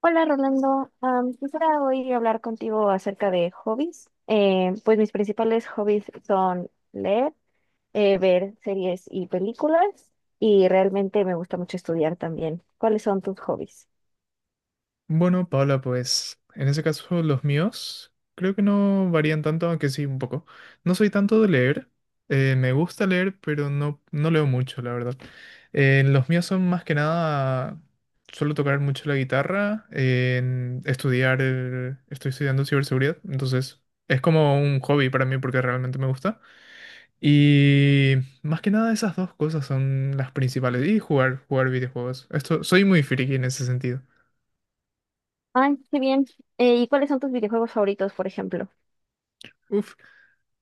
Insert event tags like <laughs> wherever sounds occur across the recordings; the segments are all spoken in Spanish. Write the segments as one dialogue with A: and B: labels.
A: Hola Rolando, quisiera hoy hablar contigo acerca de hobbies. Pues mis principales hobbies son leer, ver series y películas y realmente me gusta mucho estudiar también. ¿Cuáles son tus hobbies?
B: Bueno, Paula, pues en ese caso los míos creo que no varían tanto, aunque sí un poco. No soy tanto de leer, me gusta leer, pero no, no leo mucho, la verdad. Los míos son más que nada, suelo tocar mucho la guitarra, en estudiar, estoy estudiando ciberseguridad, entonces es como un hobby para mí porque realmente me gusta. Y más que nada esas dos cosas son las principales. Y jugar videojuegos. Esto, soy muy friki en ese sentido.
A: Ay, qué bien. ¿Y cuáles son tus videojuegos favoritos, por ejemplo?
B: Uf.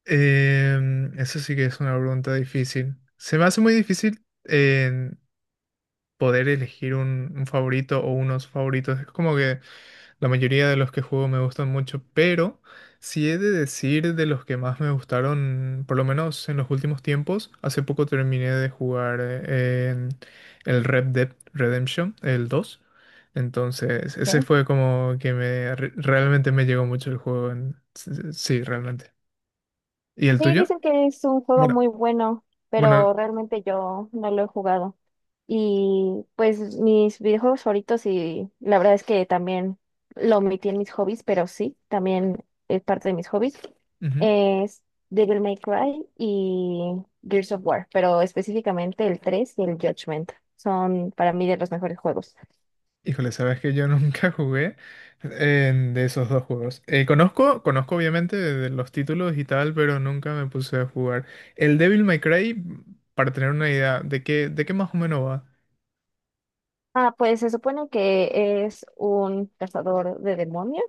B: Eso sí que es una pregunta difícil. Se me hace muy difícil en poder elegir un favorito o unos favoritos. Es como que la mayoría de los que juego me gustan mucho, pero si he de decir de los que más me gustaron, por lo menos en los últimos tiempos, hace poco terminé de jugar en el Red Dead Redemption, el dos. Entonces, ese
A: ¿Eh?
B: fue como que realmente me llegó mucho el juego. Sí, sí, realmente. ¿Y el
A: Sí,
B: tuyo?
A: dicen que es un juego
B: Bueno.
A: muy bueno, pero
B: Bueno,
A: realmente yo no lo he jugado. Y pues mis videojuegos favoritos y la verdad es que también lo omití en mis hobbies, pero sí, también es parte de mis hobbies.
B: ujú.
A: Es Devil May Cry y Gears of War, pero específicamente el 3 y el Judgment son para mí de los mejores juegos.
B: Híjole, sabes que yo <laughs> nunca jugué de esos dos juegos. Conozco obviamente de los títulos y tal, pero nunca me puse a jugar. El Devil May Cry, para tener una idea de qué más o menos va.
A: Ah, pues se supone que es un cazador de demonios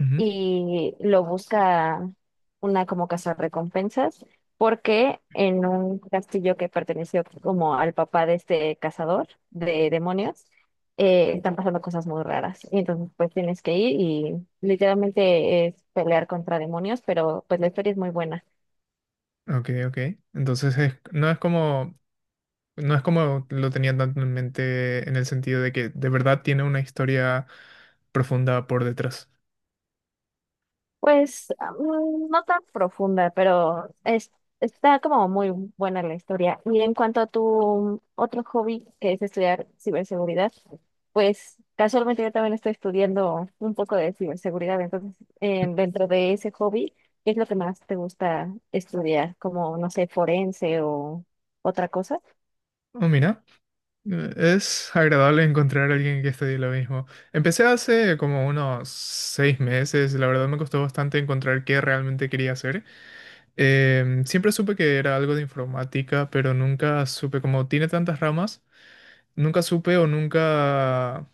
B: Ujú.
A: y lo busca una como cazarrecompensas, porque en un castillo que perteneció como al papá de este cazador de demonios, están pasando cosas muy raras. Y entonces pues tienes que ir y literalmente es pelear contra demonios, pero pues la historia es muy buena.
B: Ok, ok. Entonces no es como lo tenía tanto en mente en el sentido de que de verdad tiene una historia profunda por detrás.
A: Pues ah, no tan profunda, pero es, está como muy buena la historia. Y en cuanto a tu otro hobby, que es estudiar ciberseguridad, pues casualmente yo también estoy estudiando un poco de ciberseguridad. Entonces, dentro de ese hobby, ¿qué es lo que más te gusta estudiar? Como, no sé, forense o otra cosa.
B: Oh, mira. Es agradable encontrar a alguien que estudie lo mismo. Empecé hace como unos 6 meses, la verdad me costó bastante encontrar qué realmente quería hacer. Siempre supe que era algo de informática, pero nunca supe, como tiene tantas ramas, nunca supe o nunca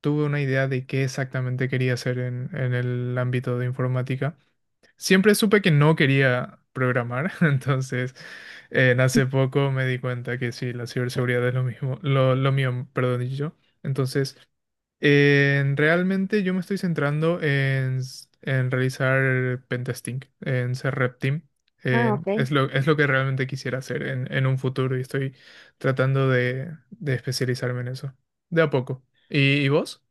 B: tuve una idea de qué exactamente quería hacer en el ámbito de informática. Siempre supe que no quería programar, <laughs> entonces en hace poco me di cuenta que sí, la ciberseguridad es lo mismo, lo mío, perdón, y yo. Entonces, realmente yo me estoy centrando en realizar pentesting, en ser rep team.
A: Ah, ok.
B: Es lo que realmente quisiera hacer en un futuro y estoy tratando de especializarme en eso, de a poco. ¿Y vos?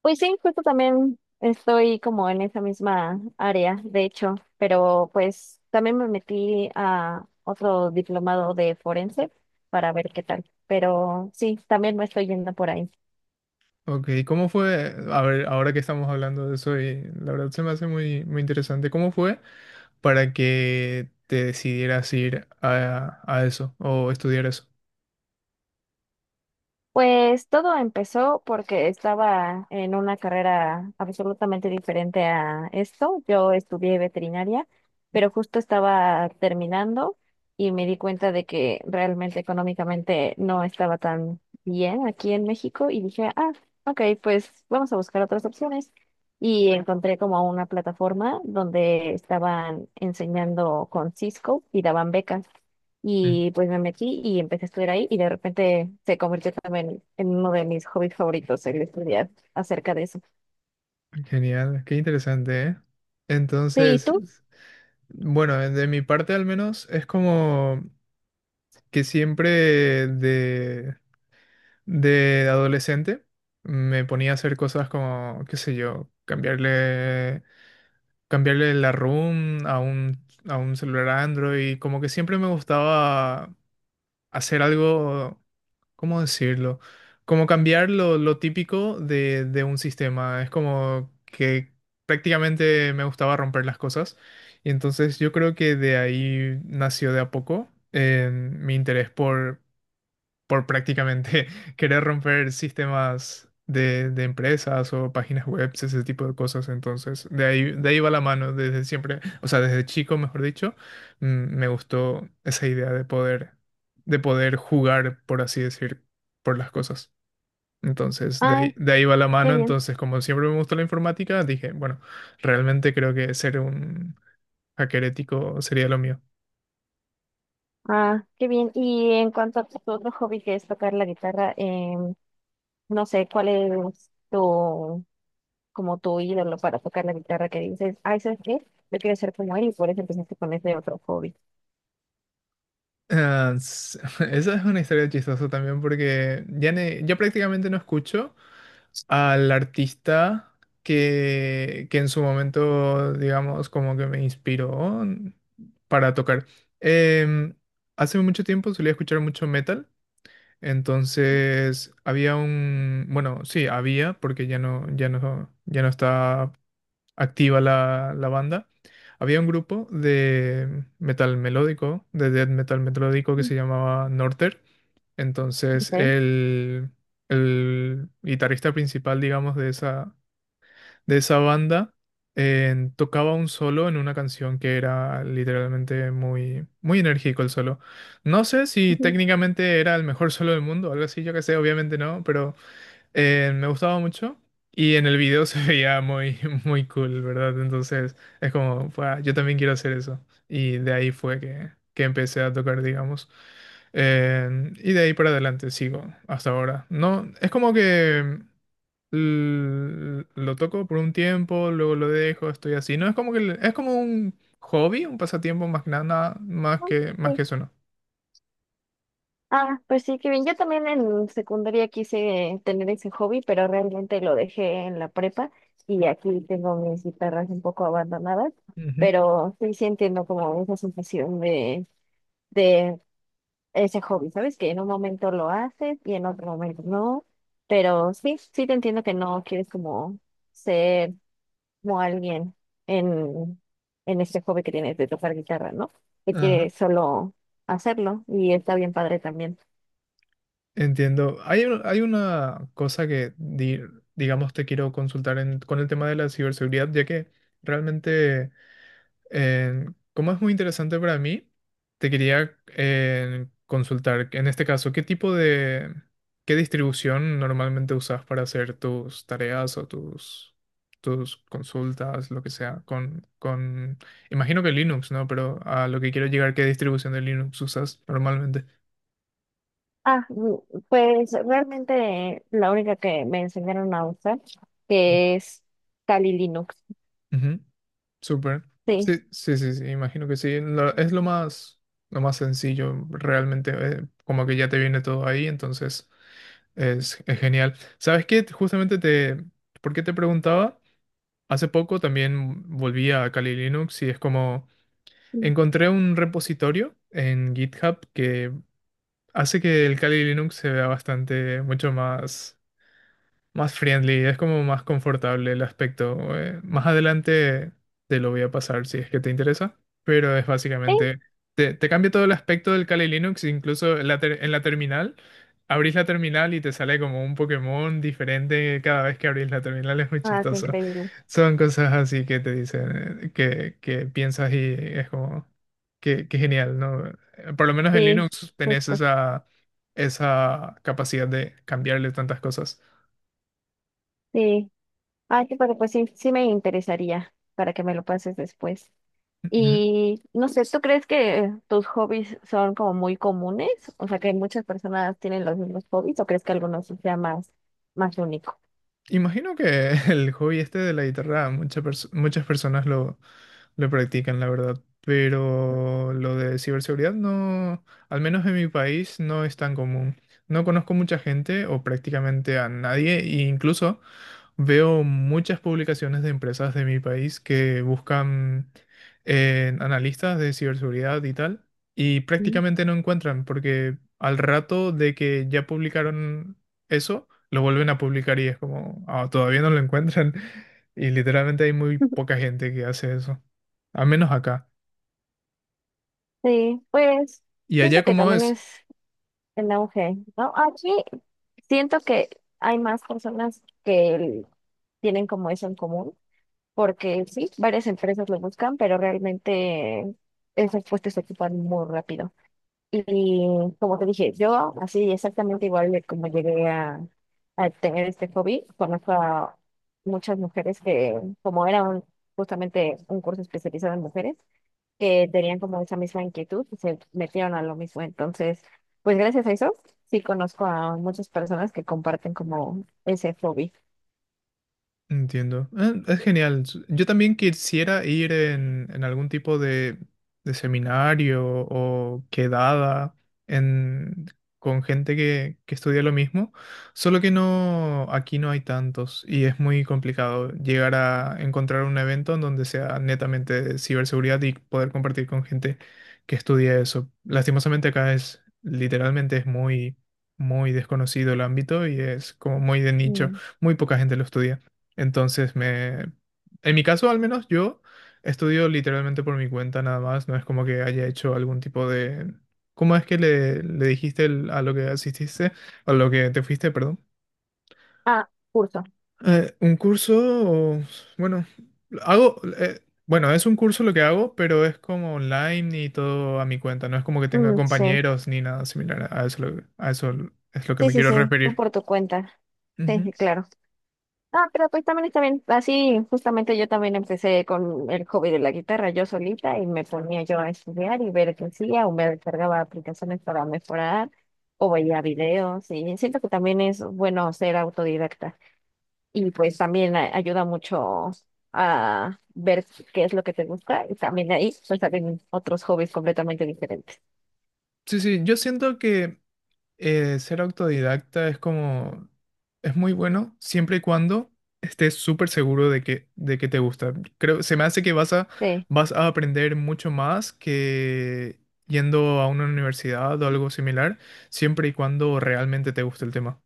A: Pues sí, justo también estoy como en esa misma área, de hecho, pero pues también me metí a otro diplomado de forense para ver qué tal, pero sí, también me estoy yendo por ahí.
B: Ok, ¿cómo fue? A ver, ahora que estamos hablando de eso, y la verdad se me hace muy, muy interesante. ¿Cómo fue para que te decidieras ir a eso o estudiar eso?
A: Pues todo empezó porque estaba en una carrera absolutamente diferente a esto. Yo estudié veterinaria, pero justo estaba terminando y me di cuenta de que realmente económicamente no estaba tan bien aquí en México y dije, ah, ok, pues vamos a buscar otras opciones. Y encontré como una plataforma donde estaban enseñando con Cisco y daban becas.
B: Mm,
A: Y pues me metí y empecé a estudiar ahí y de repente se convirtió también en uno de mis hobbies favoritos, el estudiar acerca de eso.
B: Genial, qué interesante, ¿eh?
A: Sí, ¿y
B: Entonces,
A: tú?
B: bueno, de mi parte al menos es como que siempre de, de adolescente me ponía a hacer cosas como, qué sé yo, cambiarle la ROM a un celular Android. Como que siempre me gustaba hacer algo, ¿cómo decirlo? Como cambiar lo típico de un sistema. Es como que prácticamente me gustaba romper las cosas. Y entonces yo creo que de ahí nació de a poco mi interés por prácticamente <laughs> querer romper sistemas de empresas o páginas web, ese tipo de cosas. Entonces, de ahí va la mano desde siempre, o sea, desde chico, mejor dicho. mm, Me gustó esa idea de poder jugar, por así decir, por las cosas. Entonces, de ahí,
A: Ay,
B: de ahí va la
A: qué
B: mano.
A: bien.
B: Entonces, como siempre me gustó la informática, dije, bueno, realmente creo que ser un hacker ético sería lo mío.
A: Ah, qué bien. Y en cuanto a tu otro hobby que es tocar la guitarra, no sé, ¿cuál es tu, como tu ídolo para tocar la guitarra que dices, ay, ¿sabes qué? Yo quiero ser como él y por eso empezaste con ese otro hobby.
B: Ah, <laughs> esa es una historia chistosa también porque ya prácticamente no escucho al artista que en su momento, digamos, como que me inspiró para tocar. Em, hace mucho tiempo solía escuchar mucho metal, entonces había bueno, sí, había, porque ya no, ya no, ya no está activa la banda. Había un grupo de metal melódico, de death metal melódico que
A: Mm.
B: se llamaba Norter. Entonces,
A: Ok.
B: el guitarrista principal, digamos, de esa banda, tocaba un solo en una canción que era literalmente muy, muy enérgico el solo. No sé si
A: Ujú.
B: técnicamente era el mejor solo del mundo, algo así, yo qué sé, obviamente no, pero me gustaba mucho y en el video se <laughs> veía muy, muy cool, ¿verdad? Entonces es como, "Fua, yo también quiero hacer eso". Y de ahí fue que empecé a tocar, digamos. Y de ahí para adelante sigo hasta ahora. No, es como que lo toco por un tiempo, luego lo dejo, estoy así. No, es como que es como un hobby, un pasatiempo más que nada, más
A: Ah,
B: que, más
A: sí.
B: que eso, ¿no?
A: Ah, pues sí, qué bien. Yo también en secundaria quise tener ese hobby, pero realmente lo dejé en la prepa y aquí tengo mis guitarras un poco abandonadas,
B: Ujú.
A: pero sí, sí entiendo como esa sensación de ese hobby, ¿sabes? Que en un momento lo haces y en otro momento no, pero sí, sí te entiendo que no quieres como ser como alguien en, en este hobby que tienes de tocar guitarra, ¿no? Que
B: Ajá.
A: quieres solo hacerlo y está bien padre también.
B: Entiendo. Hay una cosa que, digamos, te quiero consultar con el tema de la ciberseguridad, ya que realmente, eh, como es muy interesante para mí, te quería consultar, en este caso, ¿qué tipo de, qué distribución normalmente usas para hacer tus tareas o tus consultas, lo que sea, imagino que Linux, ¿no? Pero a lo que quiero llegar, ¿qué distribución de Linux usas normalmente?
A: Ah, pues realmente la única que me enseñaron a usar, que es Kali Linux.
B: Ujú. Súper. Sí,
A: Sí.
B: sí, sí, sí, imagino que sí. Es lo más sencillo, realmente, como que ya te viene todo ahí, entonces es genial. ¿Sabes qué? Justamente ¿por qué te preguntaba? Hace poco también volví a Kali Linux y es como
A: Mm.
B: encontré un repositorio en GitHub que hace que el Kali Linux se vea bastante, mucho más friendly, es como más confortable el aspecto. Más adelante te lo voy a pasar si es que te interesa, pero es
A: Sí.
B: básicamente, te cambia todo el aspecto del Kali Linux, incluso en la terminal, abrís la terminal y te sale como un Pokémon diferente cada vez que abrís la terminal, es muy
A: Ah, qué
B: chistoso.
A: increíble.
B: Son cosas así que te dicen, que piensas y es como, que genial, ¿no? Por lo menos en
A: Sí,
B: Linux tenés
A: justo.
B: esa capacidad de cambiarle tantas cosas.
A: Sí. Ah, sí, pero pues sí, sí me interesaría para que me lo pases después.
B: <laughs>
A: Y no sé, ¿tú crees que tus hobbies son como muy comunes? O sea, que muchas personas tienen los mismos hobbies, ¿o crees que algunos sí sea más, más único?
B: Imagino que <laughs> el hobby este de la guitarra muchas personas lo practican, la verdad. Pero lo de ciberseguridad no, al menos en mi país, no es tan común. No conozco mucha gente o prácticamente a nadie, e incluso veo muchas publicaciones de empresas de mi país que buscan analistas de ciberseguridad y tal, y
A: Mm.
B: prácticamente no encuentran, porque al rato de que ya publicaron eso, lo vuelven a publicar y es como, "Ah, todavía no lo encuentran". <laughs> Y literalmente hay muy poca
A: <laughs>
B: gente que hace eso. Al menos acá.
A: Sí, pues
B: ¿Y allá
A: siento que
B: cómo
A: también
B: es?
A: es el auge, ¿no? Aquí siento que hay más personas que tienen como eso en común, porque sí, varias empresas lo buscan, pero realmente esos puestos se ocupan muy rápido. Y como te dije, yo así exactamente igual de como llegué a tener este hobby, conozco a muchas mujeres que, como era justamente un curso especializado en mujeres, que tenían como esa misma inquietud y se metieron a lo mismo. Entonces, pues gracias a eso, sí conozco a muchas personas que comparten como ese hobby.
B: Entiendo. Es genial. Yo también quisiera ir en algún tipo de seminario o quedada en, con gente que estudia lo mismo, solo que no, aquí no hay tantos y es muy complicado llegar a encontrar un evento en donde sea netamente de ciberseguridad y poder compartir con gente que estudia eso. Lastimosamente acá es, literalmente es muy, muy desconocido el ámbito y es como muy de nicho,
A: Mm.
B: muy poca gente lo estudia. Entonces, en mi caso al menos yo estudio literalmente por mi cuenta nada más, no es como que haya hecho algún tipo de. ¿Cómo es que le dijiste a lo que asististe, a lo que te fuiste, perdón?
A: Ah, curso.
B: Un curso, o- bueno, hago, bueno, es un curso lo que hago, pero es como online y todo a mi cuenta, no es como que tenga
A: Mm, sí,
B: compañeros ni nada similar, a eso, a eso es lo que
A: sí,
B: me
A: sí,
B: quiero
A: sí, tú
B: referir.
A: por tu cuenta. Sí,
B: Ujú.
A: sí, claro. Ah, pero pues también está bien. Así, justamente yo también empecé con el hobby de la guitarra yo solita y me ponía yo a estudiar y ver qué hacía o me descargaba aplicaciones para mejorar o veía videos y siento que también es bueno ser autodidacta. Y pues también ayuda mucho a ver qué es lo que te gusta. Y también de ahí pues salen otros hobbies completamente diferentes.
B: Sí, sí, yo siento que ser autodidacta es como, es muy bueno siempre y cuando estés súper seguro de que te gusta. Creo, se me hace que vas a,
A: Sí.
B: vas a aprender mucho más que yendo a una universidad o algo similar, siempre y cuando realmente te guste el tema.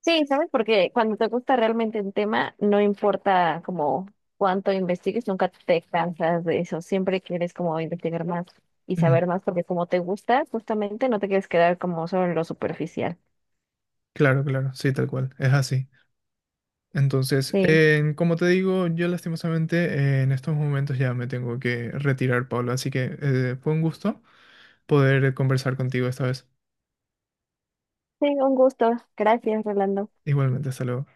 A: Sí, ¿sabes? Porque cuando te gusta realmente un tema, no importa como cuánto investigues, nunca te cansas de eso. Siempre quieres como investigar más y
B: Ujú.
A: saber más porque como te gusta, justamente no te quieres quedar como solo en lo superficial.
B: Claro, claro, sí, tal cual, es así. Entonces,
A: Sí.
B: como te digo, yo lastimosamente en estos momentos ya me tengo que retirar, Pablo, así que fue un gusto poder conversar contigo esta vez.
A: Sí, un gusto. Gracias, Rolando.
B: Igualmente, hasta luego.